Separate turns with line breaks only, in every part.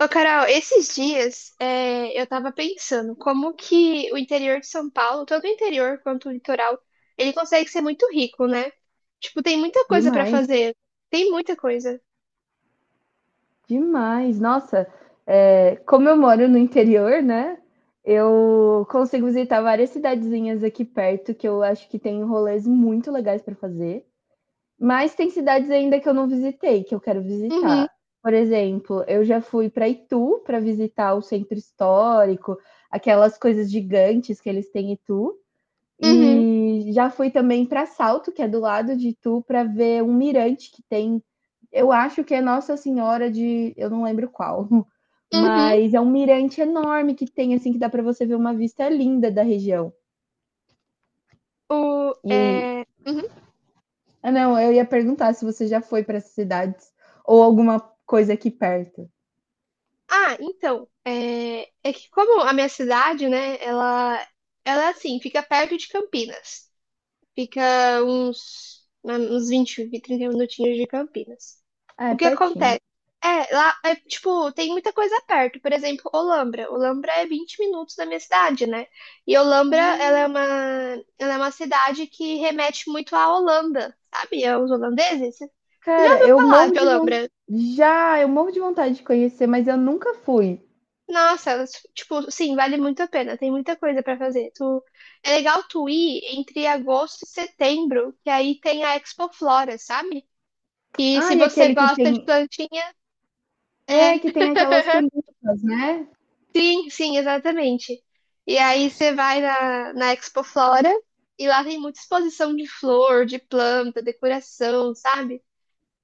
Ô, Carol, esses dias eu tava pensando como que o interior de São Paulo, tanto o interior quanto o litoral, ele consegue ser muito rico, né? Tipo, tem muita coisa pra
Demais,
fazer. Tem muita coisa.
demais. Nossa, como eu moro no interior, né? Eu consigo visitar várias cidadezinhas aqui perto que eu acho que tem rolês muito legais para fazer, mas tem cidades ainda que eu não visitei, que eu quero
Uhum,
visitar. Por exemplo, eu já fui para Itu para visitar o centro histórico, aquelas coisas gigantes que eles têm em Itu.
uhum,
E já fui também para Salto, que é do lado de Itu, para ver um mirante que tem. Eu acho que é Nossa Senhora de, eu não lembro qual,
uhum.
mas é um mirante enorme que tem assim que dá para você ver uma vista linda da região.
O,
E
é, uhum.
ah, não, eu ia perguntar se você já foi para essas cidades ou alguma coisa aqui perto.
Ah, então, é que como a minha cidade, né, ela assim, fica perto de Campinas. Fica uns 20, 30 minutinhos de Campinas.
Ah, é
O que
pertinho.
acontece? É, lá, tipo, tem muita coisa perto. Por exemplo, Olambra. Olambra é 20 minutos da minha cidade, né? E Olambra,
Hum.
ela é uma cidade que remete muito à Holanda, sabe? Aos holandeses. Você já
Cara,
ouviu
eu
falar
morro
de
de vontade.
Olambra?
Já, eu morro de vontade de conhecer, mas eu nunca fui.
Nossa, elas, tipo, sim, vale muito a pena. Tem muita coisa pra fazer. Tu, é legal tu ir entre agosto e setembro, que aí tem a Expo Flora, sabe? E se
Ah, e
você
aquele que tem
gosta de plantinha,
É, que
é.
tem aquelas tulipas, né.
Sim, sim, exatamente. E aí você vai na Expo Flora e lá tem muita exposição de flor, de planta, decoração, sabe?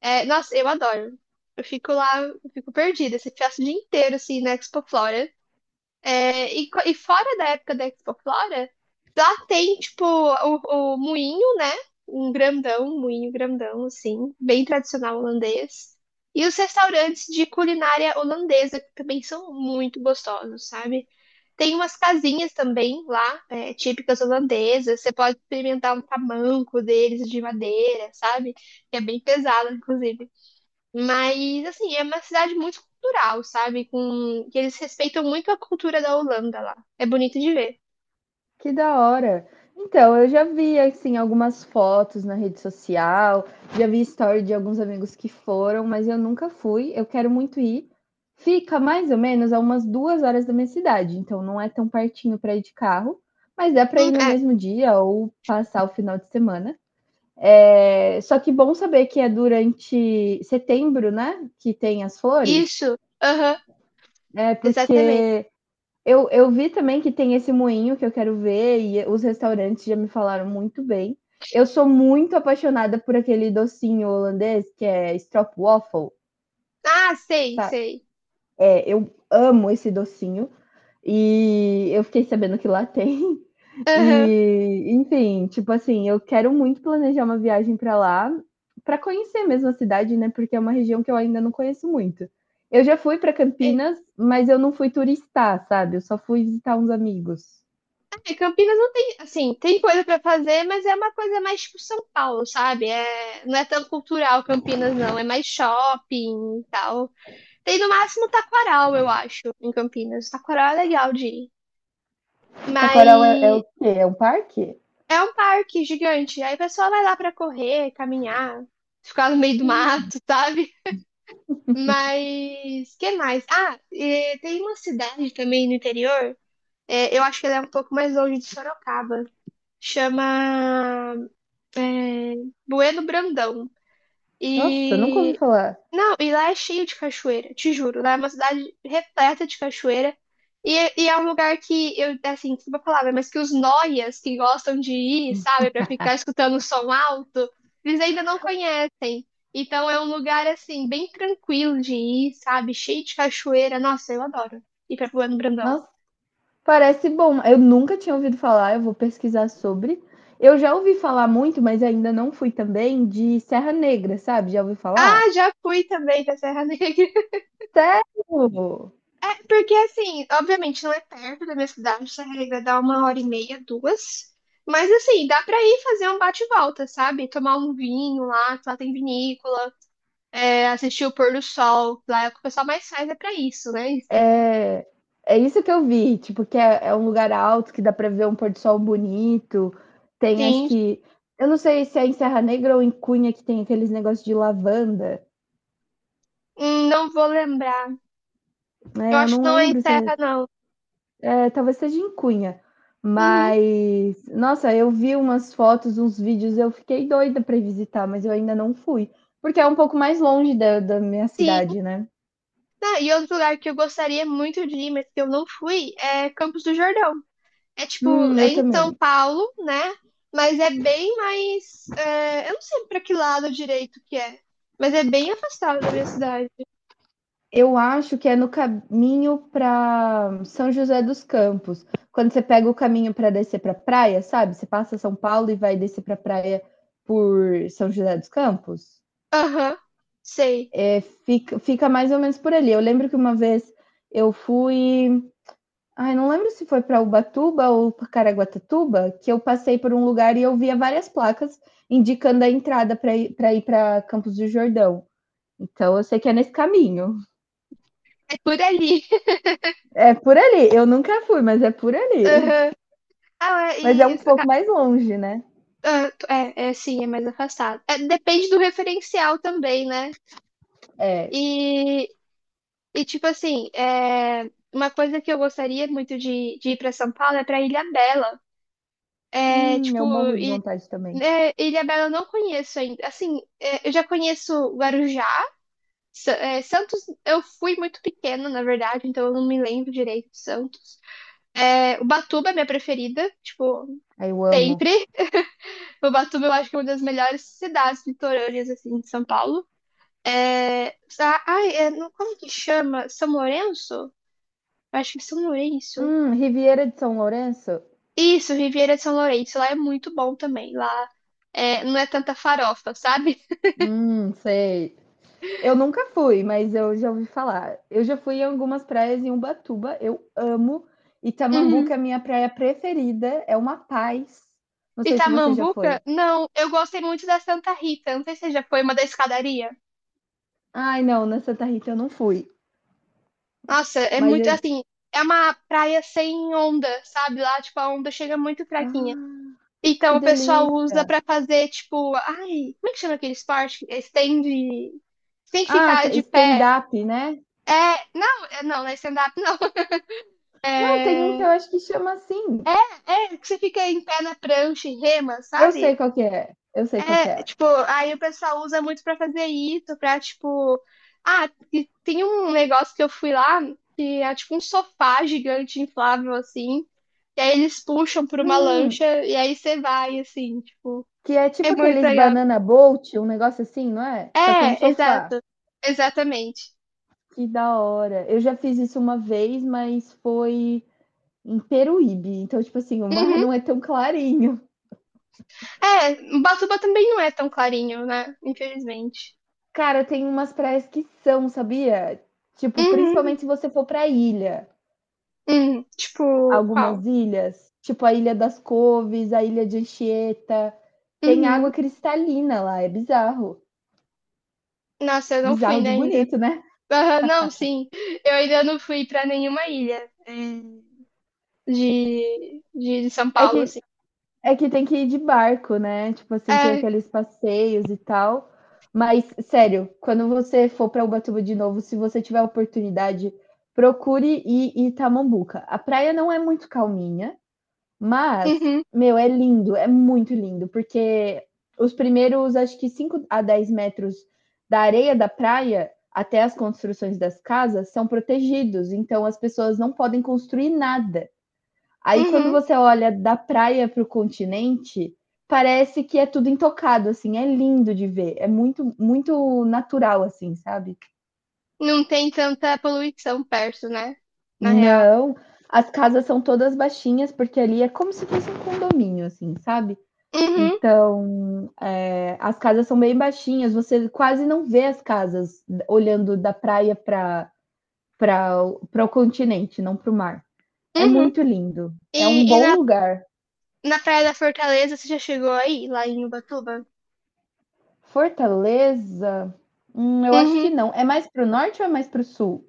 É, nossa, eu adoro. Eu fico lá, eu fico perdida. Você passa o dia inteiro assim na Expo Flora. É, e fora da época da Expoflora, lá tem, tipo, o moinho, né? Um grandão, um moinho grandão, assim, bem tradicional holandês. E os restaurantes de culinária holandesa, que também são muito gostosos, sabe? Tem umas casinhas também lá, é, típicas holandesas. Você pode experimentar um tamanco deles de madeira, sabe? Que é bem pesado, inclusive. Mas, assim, é uma cidade muito cultural, sabe? Que eles respeitam muito a cultura da Holanda lá. É bonito de ver.
Que da hora. Então, eu já vi, assim, algumas fotos na rede social, já vi story de alguns amigos que foram, mas eu nunca fui, eu quero muito ir. Fica mais ou menos a umas 2 horas da minha cidade, então não é tão pertinho para ir de carro, mas dá para ir no
É.
mesmo dia ou passar o final de semana. É só que bom saber que é durante setembro, né, que tem as flores,
Isso. Aham,
é
exatamente.
porque Eu vi também que tem esse moinho que eu quero ver, e os restaurantes já me falaram muito bem. Eu sou muito apaixonada por aquele docinho holandês que é stroopwafel,
Ah, sei,
sabe?
sei.
É, eu amo esse docinho e eu fiquei sabendo que lá tem.
Aham.
E, enfim, tipo assim, eu quero muito planejar uma viagem para lá, para conhecer mesmo a cidade, né? Porque é uma região que eu ainda não conheço muito. Eu já fui para
É,
Campinas, mas eu não fui turistar, sabe? Eu só fui visitar uns amigos.
é, Campinas não tem, assim, tem coisa pra fazer, mas é uma coisa mais tipo São Paulo, sabe? É, não é tão cultural Campinas, não. É mais shopping e tal. Tem no máximo Taquaral, eu acho, em Campinas. Taquaral é legal de ir.
Taquaral é
Mas.
o quê? É um parque?
É um parque gigante. Aí o pessoal vai lá pra correr, caminhar, ficar no meio do mato, sabe? Mas que mais? Ah, e tem uma cidade também no interior. Eu acho que ela é um pouco mais longe de Sorocaba. Chama Bueno Brandão.
Nossa, nunca ouvi
E.
falar.
Não, e lá é cheio de cachoeira, te juro. Lá é uma cidade repleta de cachoeira. E é um lugar que, eu, assim, desculpa a palavra, mas que os noias que gostam de ir, sabe, pra ficar escutando o som alto, eles ainda não conhecem. Então é um lugar, assim, bem tranquilo de ir, sabe, cheio de cachoeira. Nossa, eu adoro ir pra Plano Brandão.
Nossa, parece bom. Eu nunca tinha ouvido falar, eu vou pesquisar sobre. Eu já ouvi falar muito, mas ainda não fui também, de Serra Negra, sabe? Já ouvi
Ah,
falar?
já fui também pra Serra Negra.
Sério?
É, porque assim, obviamente não é perto da minha cidade, essa regra dá uma hora e meia, duas. Mas assim, dá pra ir fazer um bate e volta, sabe? Tomar um vinho lá, que lá tem vinícola, assistir o pôr do sol, lá é o que o pessoal mais faz é pra isso, né? Em Serra.
É, é isso que eu vi, tipo, que é um lugar alto, que dá pra ver um pôr do sol bonito. Tem, acho
Sim.
que. Eu não sei se é em Serra Negra ou em Cunha que tem aqueles negócios de lavanda.
Não vou lembrar. Eu
É, eu
acho que
não
não é em
lembro se é.
Serra, não.
É, talvez seja em Cunha.
Uhum,
Mas, nossa, eu vi umas fotos, uns vídeos, eu fiquei doida para visitar, mas eu ainda não fui. Porque é um pouco mais longe da minha
sim.
cidade, né?
Ah, e outro lugar que eu gostaria muito de ir, mas que eu não fui, é Campos do Jordão. É tipo, é
Eu
em São
também.
Paulo, né? Mas é bem mais. Eu não sei pra que lado direito que é, mas é bem afastado da minha cidade.
Eu acho que é no caminho para São José dos Campos. Quando você pega o caminho para descer para praia, sabe? Você passa São Paulo e vai descer para praia por São José dos Campos.
Aham, sei.
É, fica mais ou menos por ali. Eu lembro que uma vez eu fui ai, não lembro se foi para Ubatuba ou pra Caraguatatuba, que eu passei por um lugar e eu via várias placas indicando a entrada para ir para Campos do Jordão. Então eu sei que é nesse caminho.
É por ali.
É por ali. Eu nunca fui, mas é por ali.
Aham. Ah, é,
Mas é
e,
um
e-
pouco
ca-
mais longe, né?
ah, sim, é mais afastado. É, depende do referencial também, né?
É.
E, e tipo assim, uma coisa que eu gostaria muito de ir pra São Paulo é pra Ilhabela. É, tipo,
Eu morro de vontade também.
Ilhabela eu não conheço ainda. Assim, é, eu já conheço Guarujá. Santos, eu fui muito pequena, na verdade, então eu não me lembro direito de Santos. É, Ubatuba é minha preferida, tipo,
Aí eu amo.
sempre. Ubatuba eu acho que é uma das melhores cidades litorâneas, assim, de São Paulo. É, sa- ai, é, não- Como que chama? São Lourenço? Eu acho que é São Lourenço.
Riviera de São Lourenço?
Isso, Riviera de São Lourenço. Lá é muito bom também. Lá é, não é tanta farofa, sabe?
Sei. Eu nunca fui, mas eu já ouvi falar. Eu já fui em algumas praias em Ubatuba, eu amo.
Uhum.
Itamambuca é a minha praia preferida, é uma paz. Não sei se você já
Itamambuca?
foi.
Não, eu gostei muito da Santa Rita. Não sei se você já foi uma da escadaria.
Ai, não, na Santa Rita eu não fui,
Nossa, é
mas
muito
eu.
assim. É uma praia sem onda, sabe? Lá, tipo, a onda chega muito fraquinha.
Ah, que
Então, o pessoal
delícia!
usa pra fazer, tipo, ai, como é que chama aquele esporte? Estende. Tem que
Ah,
ficar de pé.
stand-up, né?
É, não, não, não é stand-up, não.
Não, tem um que eu acho que chama assim.
É, que você fica em pé na prancha e rema,
Eu sei
sabe?
qual que é, eu sei qual que
É,
é.
tipo, aí o pessoal usa muito pra fazer isso, pra, tipo. Ah, e tem um negócio que eu fui lá, que é tipo um sofá gigante inflável, assim. E aí eles puxam por uma
Hum,
lancha, e aí você vai, assim, tipo.
que é
É
tipo
muito
aqueles
legal.
banana boat, um negócio assim, não é? Só que é um
É,
sofá.
exato. Exatamente.
Que da hora. Eu já fiz isso uma vez, mas foi em Peruíbe. Então, tipo assim, o mar
Uhum.
não é tão clarinho.
É, Batuba também não é tão clarinho, né? Infelizmente.
Cara, tem umas praias que são, sabia? Tipo,
Uhum,
principalmente se você for pra ilha.
uhum. Tipo, qual?
Algumas ilhas, tipo a Ilha das Coves, a Ilha de Anchieta, tem
Uhum.
água cristalina lá, é bizarro.
Nossa, eu não fui,
Bizarro
né,
de
ainda.
bonito, né?
Aham, não, sim. Eu ainda não fui pra nenhuma ilha de São
É
Paulo,
que
assim.
É que tem que ir de barco, né? Tipo assim, tem
É,
aqueles passeios e tal. Mas, sério, quando você for para Ubatuba de novo, se você tiver a oportunidade, procure ir em Itamambuca. A praia não é muito calminha, mas,
uhum,
meu, é lindo, é muito lindo, porque os primeiros, acho que 5 a 10 metros da areia da praia até as construções das casas são protegidos, então as pessoas não podem construir nada. Aí quando
uhum.
você olha da praia para o continente, parece que é tudo intocado, assim, é lindo de ver, é muito, muito natural, assim, sabe?
Não tem tanta poluição perto, né? Na real.
Não, as casas são todas baixinhas, porque ali é como se fosse um condomínio, assim, sabe?
Uhum,
Então, é, as casas são bem baixinhas, você quase não vê as casas olhando da praia para para o continente, não para o mar. É
uhum.
muito lindo, é um
E
bom
na,
lugar.
na Praia da Fortaleza, você já chegou aí, lá em Ubatuba?
Fortaleza? Eu acho
Uhum.
que não. É mais para o norte ou é mais para o sul?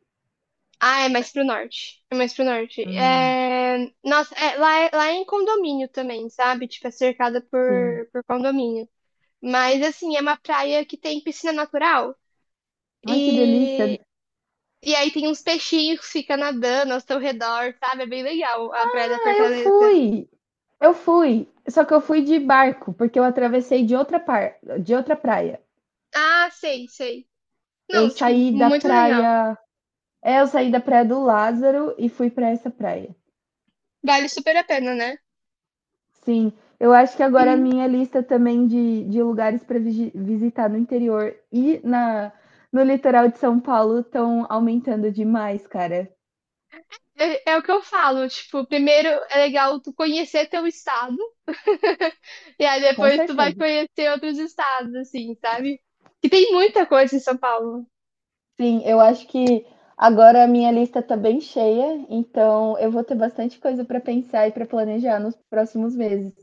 Ah, é mais pro norte. É mais pro norte.
Hum,
É... Nossa, é, lá, lá é em condomínio também, sabe? Tipo, é cercada
sim.
por condomínio. Mas, assim, é uma praia que tem piscina natural.
Ai, que delícia.
E, e aí tem uns peixinhos que ficam nadando ao seu redor, sabe? É bem legal a Praia da
Ah, eu
Fortaleza.
fui! Eu fui, só que eu fui de barco, porque eu atravessei de outra praia.
Ah, sei, sei.
Eu
Não, tipo,
saí da
muito legal.
praia, é, eu saí da praia do Lázaro e fui para essa praia.
Vale super a pena, né?
Sim, eu acho que agora a
Uhum.
minha lista também de lugares para visitar no interior e na no litoral de São Paulo estão aumentando demais, cara.
É, é o que eu falo, tipo, primeiro é legal tu conhecer teu estado, e aí
Com
depois tu vai
certeza.
conhecer outros estados, assim, sabe? Que tem muita coisa em São Paulo.
Sim, eu acho que agora a minha lista está bem cheia, então eu vou ter bastante coisa para pensar e para planejar nos próximos meses.